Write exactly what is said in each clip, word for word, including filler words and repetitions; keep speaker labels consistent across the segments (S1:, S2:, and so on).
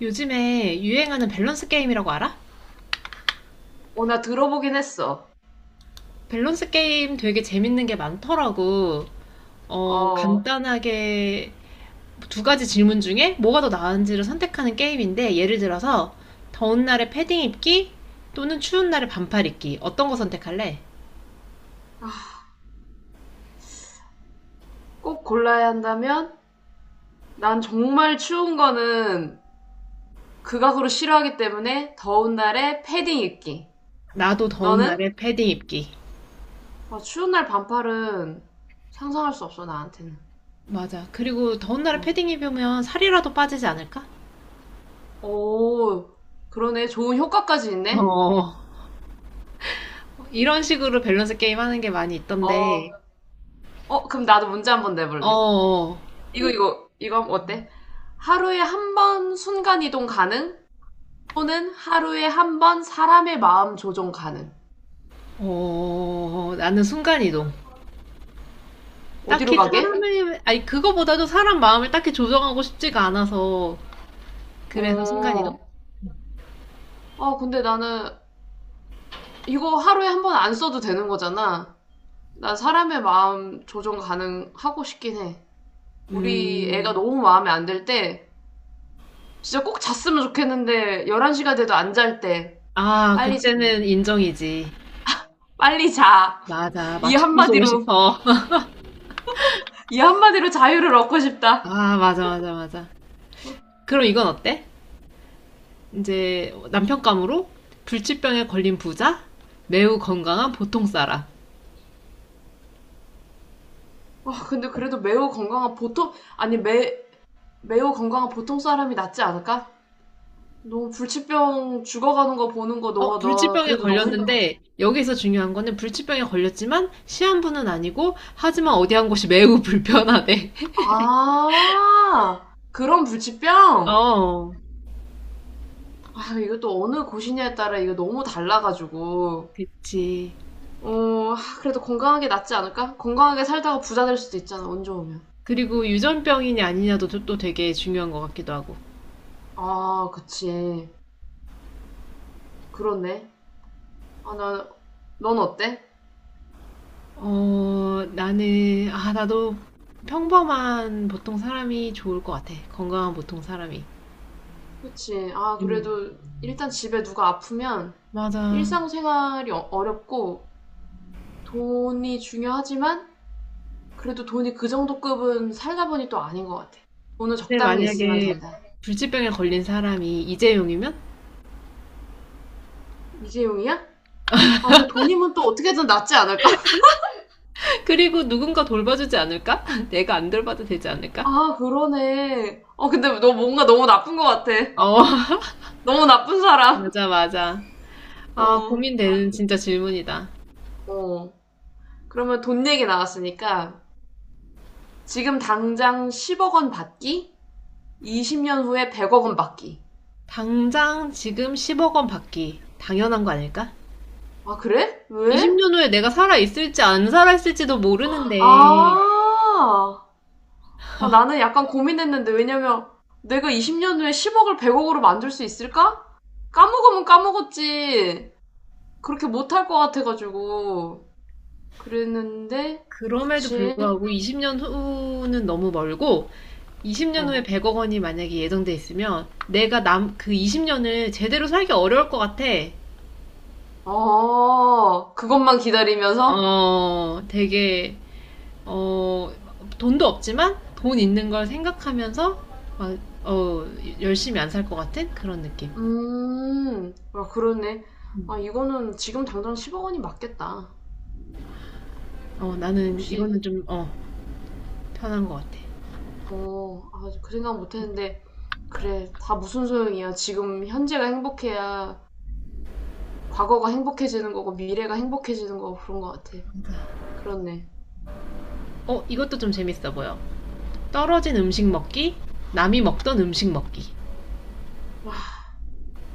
S1: 요즘에 유행하는 밸런스 게임이라고 알아?
S2: 어, 나 들어보긴 했어.
S1: 밸런스 게임 되게 재밌는 게 많더라고. 어,
S2: 어,
S1: 간단하게 두 가지 질문 중에 뭐가 더 나은지를 선택하는 게임인데, 예를 들어서 더운 날에 패딩 입기 또는 추운 날에 반팔 입기. 어떤 거 선택할래?
S2: 꼭 골라야 한다면 난 정말 추운 거는 극악으로 싫어하기 때문에 더운 날에 패딩 입기.
S1: 나도 더운
S2: 너는?
S1: 날에 패딩 입기.
S2: 아, 추운 날 반팔은 상상할 수 없어, 나한테는.
S1: 맞아. 그리고 더운 날에
S2: 어.
S1: 패딩 입으면 살이라도 빠지지 않을까?
S2: 오, 그러네. 좋은 효과까지 있네.
S1: 어, 이런 식으로 밸런스 게임 하는 게 많이
S2: 어,
S1: 있던데,
S2: 어, 그럼 나도 문제 한번 내볼래.
S1: 어,
S2: 이거, 이거, 이거 어때? 하루에 한 번 순간 이동 가능? 또는 하루에 한 번 사람의 마음 조종 가능?
S1: 어, 나는 순간이동.
S2: 어디로
S1: 딱히
S2: 가게?
S1: 사람의, 아니, 그거보다도 사람 마음을 딱히 조정하고 싶지가 않아서. 그래서
S2: 어,
S1: 순간이동?
S2: 아, 근데 나는 이거 하루에 한 번 안 써도 되는 거잖아. 난 사람의 마음 조정 가능하고 싶긴 해. 우리
S1: 음,
S2: 애가 너무 마음에 안 들 때, 진짜 꼭 잤으면 좋겠는데, 열한 시가 돼도 안 잘 때,
S1: 아,
S2: 빨리 자.
S1: 그때는 인정이지.
S2: 빨리 자.
S1: 맞아.
S2: 이
S1: 맞춤 쏘고
S2: 한마디로,
S1: 싶어.
S2: 이 한마디로 자유를 얻고 싶다.
S1: 아, 맞아, 맞아, 맞아. 그럼 이건 어때? 이제 남편감으로 불치병에 걸린 부자, 매우 건강한 보통 사람.
S2: 아, 근데 그래도 매우 건강한 보통, 아니, 매, 매우 건강한 보통 사람이 낫지 않을까? 너무 불치병 죽어가는 거 보는 거
S1: 어,
S2: 너, 너
S1: 불치병에
S2: 그래도 너무 힘들 것 같아.
S1: 걸렸는데, 여기서 중요한 거는 불치병에 걸렸지만, 시한부는 아니고, 하지만 어디 한 곳이 매우 불편하대.
S2: 아, 그런 불치병?
S1: 어,
S2: 아, 이것도 어느 곳이냐에 따라 이거 너무 달라가지고.
S1: 그치.
S2: 어, 하, 그래도 건강하게 낫지 않을까? 건강하게 살다가 부자 될 수도 있잖아, 운 좋으면.
S1: 그리고 유전병이냐 아니냐도 또- 또 되게 중요한 것 같기도 하고.
S2: 아, 그치. 그렇네. 아, 나, 넌 어때?
S1: 어, 나는, 아, 나도 평범한 보통 사람이 좋을 것 같아. 건강한 보통 사람이.
S2: 그치. 아,
S1: 음.
S2: 그래도 일단 집에 누가 아프면
S1: 맞아.
S2: 일상생활이 어- 어렵고 돈이 중요하지만 그래도 돈이 그 정도 급은 살다 보니 또 아닌 것 같아. 돈은
S1: 근데
S2: 적당히 있으면
S1: 만약에
S2: 된다.
S1: 불치병에 걸린 사람이 이재용이면?
S2: 이재용이야? 아, 근데 돈이면 또 어떻게든 낫지 않을까?
S1: 그리고 누군가 돌봐주지 않을까? 내가 안 돌봐도 되지 않을까?
S2: 아, 그러네. 어, 근데 너 뭔가 너무 나쁜 것 같아.
S1: 어,
S2: 너무 나쁜 사람.
S1: 맞아, 맞아. 아,
S2: 어,
S1: 고민되는
S2: 안,
S1: 진짜 질문이다.
S2: 어. 그러면 돈 얘기 나왔으니까 지금 당장 십억 원 받기? 이십 년 후에 백억 원 받기.
S1: 당장 지금 십억 원 받기. 당연한 거 아닐까?
S2: 아, 그래? 왜?
S1: 이십 년 후에 내가 살아있을지 안 살아있을지도 모르는데,
S2: 아, 어, 나는 약간 고민했는데 왜냐면 내가 이십 년 후에 십억을 백억으로 만들 수 있을까? 까먹으면 까먹었지. 그렇게 못할 것 같아가지고. 그랬는데,
S1: 그럼에도
S2: 그치?
S1: 불구하고 이십 년 후는 너무 멀고, 이십 년 후에
S2: 어.
S1: 백억 원이 만약에 예정돼 있으면, 내가 남, 그 이십 년을 제대로 살기 어려울 것 같아.
S2: 아, 그것만 기다리면서?
S1: 어, 되게, 어, 돈도 없지만, 돈 있는 걸 생각하면서, 막, 어, 열심히 안 살 것 같은 그런 느낌.
S2: 음, 아, 그러네. 아,
S1: 음.
S2: 이거는 지금 당장 십억 원이 맞겠다.
S1: 어, 나는
S2: 역시.
S1: 이거는 좀, 어, 편한 것 같아.
S2: 어, 아, 그 생각 못 했는데. 그래, 다 무슨 소용이야. 지금 현재가 행복해야 과거가 행복해지는 거고, 미래가 행복해지는 거고, 그런 것 같아. 그렇네.
S1: 어, 이것도 좀 재밌어 보여. 떨어진 음식 먹기, 남이 먹던 음식 먹기.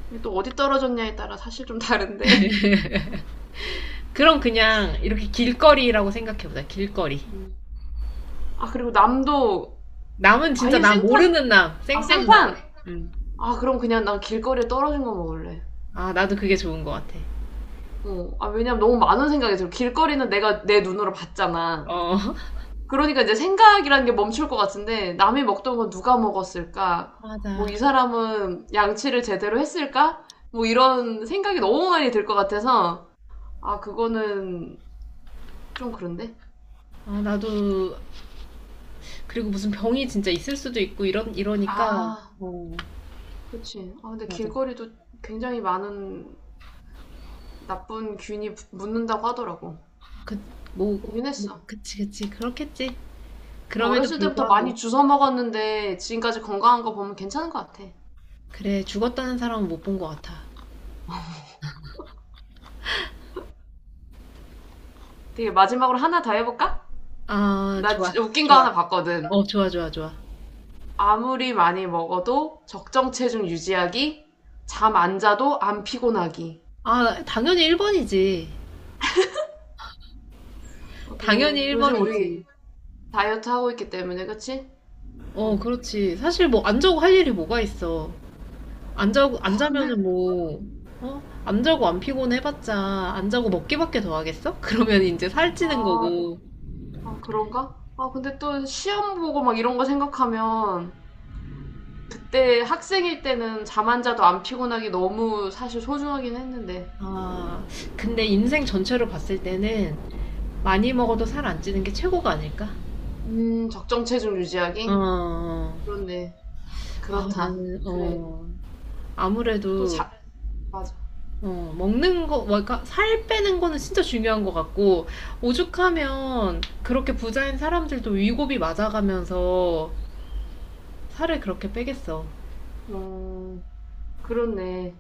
S2: 근데 또 어디 떨어졌냐에 따라 사실 좀 다른데.
S1: 그럼 그냥 이렇게 길거리라고 생각해보자, 길거리.
S2: 음. 아, 그리고 남도
S1: 남은 진짜
S2: 아예
S1: 나
S2: 생판,
S1: 모르는 남,
S2: 아,
S1: 생판 남.
S2: 생판!
S1: 음.
S2: 아, 그럼 그냥 난 길거리에 떨어진 거 먹을래.
S1: 아, 나도 그게 좋은 것 같아.
S2: 어. 아, 왜냐면 너무 많은 생각이 들어. 길거리는 내가 내 눈으로 봤잖아.
S1: 어,
S2: 그러니까 이제 생각이라는 게 멈출 것 같은데, 남이 먹던 건 누가 먹었을까?
S1: 맞아.
S2: 뭐, 이 사람은 양치를 제대로 했을까? 뭐, 이런 생각이 너무 많이 들 것 같아서, 아, 그거는 좀 그런데?
S1: 아, 나도, 그리고 무슨 병이 진짜 있을 수도 있고, 이런, 이러니까,
S2: 아,
S1: 어,
S2: 그치. 아, 근데
S1: 맞아.
S2: 길거리도 굉장히 많은 나쁜 균이 묻는다고 하더라고.
S1: 그, 뭐,
S2: 보긴
S1: 뭐,
S2: 했어.
S1: 그치, 그치. 그렇겠지. 그럼에도
S2: 어렸을 때부터
S1: 불구하고.
S2: 많이 주워 먹었는데 지금까지 건강한 거 보면 괜찮은 것 같아.
S1: 그래, 죽었다는 사람은 못 본 것 같아.
S2: 되게 마지막으로 하나 더 해볼까?
S1: 아,
S2: 나
S1: 좋아,
S2: 주- 웃긴 거
S1: 좋아.
S2: 하나 봤거든.
S1: 어, 좋아, 좋아, 좋아.
S2: 아무리 많이 먹어도 적정 체중 유지하기, 잠 안 자도 안 피곤하기.
S1: 아, 당연히 일 번이지.
S2: 어,
S1: 당연히
S2: 그래, 요즘
S1: 일 번이지.
S2: 우리 다이어트 하고 있기 때문에, 그치?
S1: 어,
S2: 어.
S1: 그렇지. 사실 뭐 안 자고 할 일이 뭐가 있어. 안 자고 안
S2: 아, 근데,
S1: 자면은 뭐 어? 안 자고 안 피곤해 봤자 안 자고 먹기밖에 더 하겠어? 그러면 이제 살찌는
S2: 아,
S1: 거고.
S2: 아, 그런가? 아, 근데 또 시험 보고 막 이런 거 생각하면 그때 학생일 때는 잠 안 자도 안 피곤하기 너무 사실 소중하긴 했는데.
S1: 아, 근데 인생 전체로 봤을 때는 많이 먹어도 살 안 찌는 게 최고가 아닐까?
S2: 음, 적정 체중
S1: 어.
S2: 유지하기?
S1: 어.
S2: 그렇네.
S1: 아,
S2: 그렇다.
S1: 나는
S2: 그래.
S1: 어.
S2: 또
S1: 아무래도
S2: 자, 맞아.
S1: 어, 먹는 거, 뭐, 그러니까 살 빼는 거는 진짜 중요한 것 같고, 오죽하면 그렇게 부자인 사람들도 위고비 맞아가면서 살을 그렇게 빼겠어.
S2: 음, 그렇네.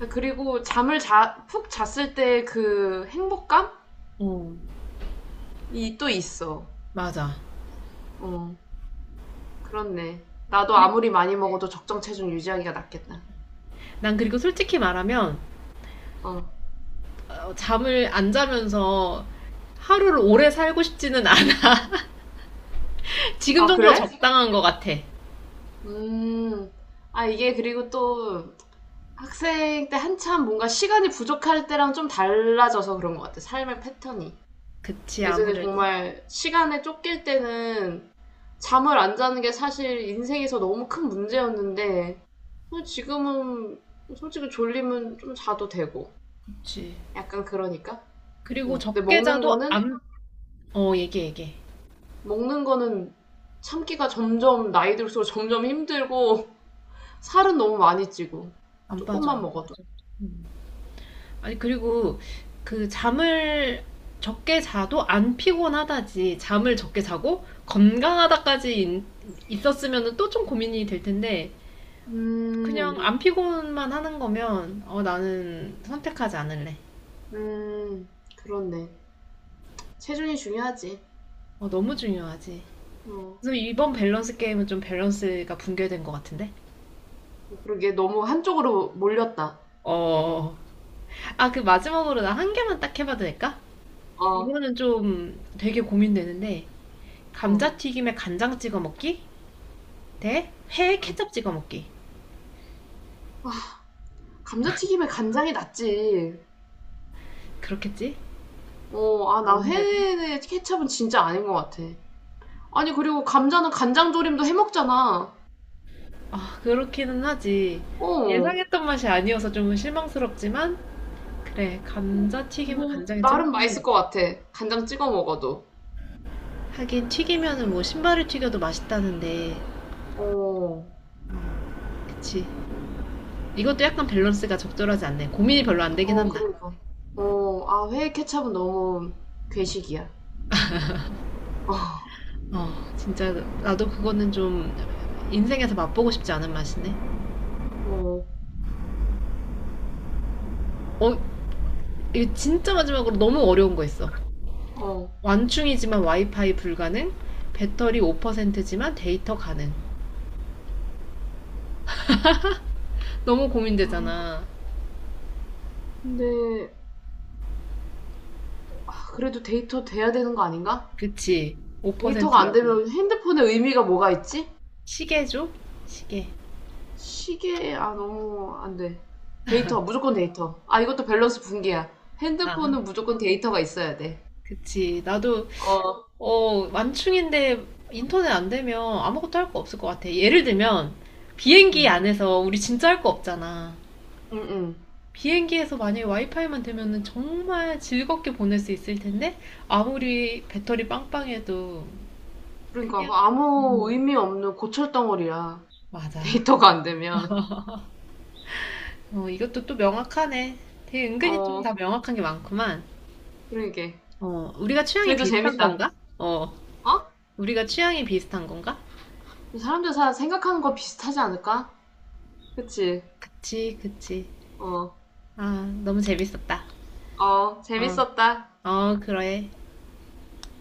S2: 아, 그리고 잠을 자, 푹 잤을 때 그 행복감이
S1: 어,
S2: 또 있어.
S1: 맞아.
S2: 어, 그렇네. 나도
S1: 근데
S2: 아무리 많이 먹어도 적정 체중 유지하기가 낫겠다.
S1: 난 그리고 솔직히 말하면,
S2: 어.
S1: 어, 잠을 안 자면서 하루를 오래 살고 싶지는 않아. 지금
S2: 아,
S1: 정도가
S2: 그래?
S1: 적당한 것 같아.
S2: 음. 아, 이게 그리고 또 학생 때 한참 뭔가 시간이 부족할 때랑 좀 달라져서 그런 것 같아. 삶의 패턴이.
S1: 그치,
S2: 예전에
S1: 아무래도.
S2: 정말 시간에 쫓길 때는 잠을 안 자는 게 사실 인생에서 너무 큰 문제였는데 뭐 지금은 솔직히 졸리면 좀 자도 되고
S1: 그치.
S2: 약간 그러니까
S1: 그리고
S2: 어, 근데
S1: 적게
S2: 먹는
S1: 자도
S2: 거는
S1: 안, 어, 얘기해, 얘기해.
S2: 먹는 거는 참기가 점점 나이 들수록 점점 힘들고 살은 너무 많이 찌고
S1: 안 빠져,
S2: 조금만
S1: 안
S2: 먹어도
S1: 빠져. 음. 아니 그리고 그 잠을 적게 자도 안 피곤하다지 잠을 적게 자고 건강하다까지 인- 있었으면은 또 좀 고민이 될 텐데
S2: 음,
S1: 그냥 안 피곤만 하는 거면 어 나는 선택하지 않을래.
S2: 음, 그렇네. 체중이 중요하지.
S1: 어 너무 중요하지.
S2: 어,
S1: 그래서 이번 밸런스 게임은 좀 밸런스가 붕괴된 것 같은데.
S2: 그러게. 너무 한쪽으로 몰렸다.
S1: 어. 아 그 마지막으로 나 한 개만 딱 해봐도 될까?
S2: 어,
S1: 이거는 좀 되게 고민되는데
S2: 어.
S1: 감자튀김에 간장 찍어 먹기 대 회에 케첩 찍어 먹기.
S2: 감자튀김에 간장이 낫지.
S1: 그렇겠지?
S2: 어, 아, 나
S1: 아무래도.
S2: 회에 케첩은 진짜 아닌 것 같아. 아니, 그리고 감자는 간장 조림도 해 먹잖아.
S1: 아, 그렇기는 하지.
S2: 어,
S1: 예상했던 맛이 아니어서 좀 실망스럽지만, 그래, 감자튀김은
S2: 뭐,
S1: 간장에 찍어
S2: 나름
S1: 먹는 게
S2: 맛있을 것
S1: 낫지.
S2: 같아. 간장 찍어 먹어도.
S1: 하긴 튀기면은 뭐 신발을 튀겨도 맛있다는데,
S2: 어,
S1: 그치. 이것도 약간 밸런스가 적절하지 않네. 고민이 별로 안 되긴
S2: 어,
S1: 한다.
S2: 그러니까. 어, 아, 회에 케첩은 너무 괴식이야.
S1: 어, 진짜 나도 그거는 좀 인생에서 맛보고 싶지 않은 맛이네.
S2: 어,
S1: 어, 이거 진짜 마지막으로 너무 어려운 거 있어.
S2: 어.
S1: 완충이지만 와이파이 불가능, 배터리 오 퍼센트지만 데이터 가능. 너무 고민되잖아.
S2: 근데, 아, 그래도 데이터 돼야 되는 거 아닌가?
S1: 그치.
S2: 데이터가 안
S1: 오 퍼센트라도.
S2: 되면 핸드폰의 의미가 뭐가 있지?
S1: 시계죠? 시계.
S2: 시계 아 너무 안 돼. 데이터 무조건 데이터. 아 이것도 밸런스 붕괴야.
S1: 아,
S2: 핸드폰은 무조건 데이터가 있어야 돼.
S1: 그치. 나도,
S2: 어,
S1: 어, 만충인데 인터넷 안 되면 아무것도 할 거 없을 것 같아. 예를 들면, 비행기
S2: 응,
S1: 안에서 우리 진짜 할 거 없잖아.
S2: 응, 응.
S1: 비행기에서 만약에 와이파이만 되면은 정말 즐겁게 보낼 수 있을 텐데, 아무리 배터리 빵빵해도,
S2: 그러니까
S1: 그냥,
S2: 그 아무
S1: 음,
S2: 의미 없는 고철 덩어리야.
S1: 맞아.
S2: 데이터가 안 되면.
S1: 어, 이것도 또 명확하네. 되게 은근히 좀
S2: 어,
S1: 다 명확한 게 많구만.
S2: 그러게.
S1: 어, 우리가 취향이
S2: 그래도
S1: 비슷한
S2: 재밌다.
S1: 건가? 어.
S2: 어?
S1: 우리가 취향이 비슷한 건가?
S2: 사람들 다 생각하는 거 비슷하지 않을까? 그치?
S1: 그치, 그치.
S2: 어,
S1: 아, 너무 재밌었다.
S2: 어,
S1: 어,
S2: 재밌었다.
S1: 어, 그래.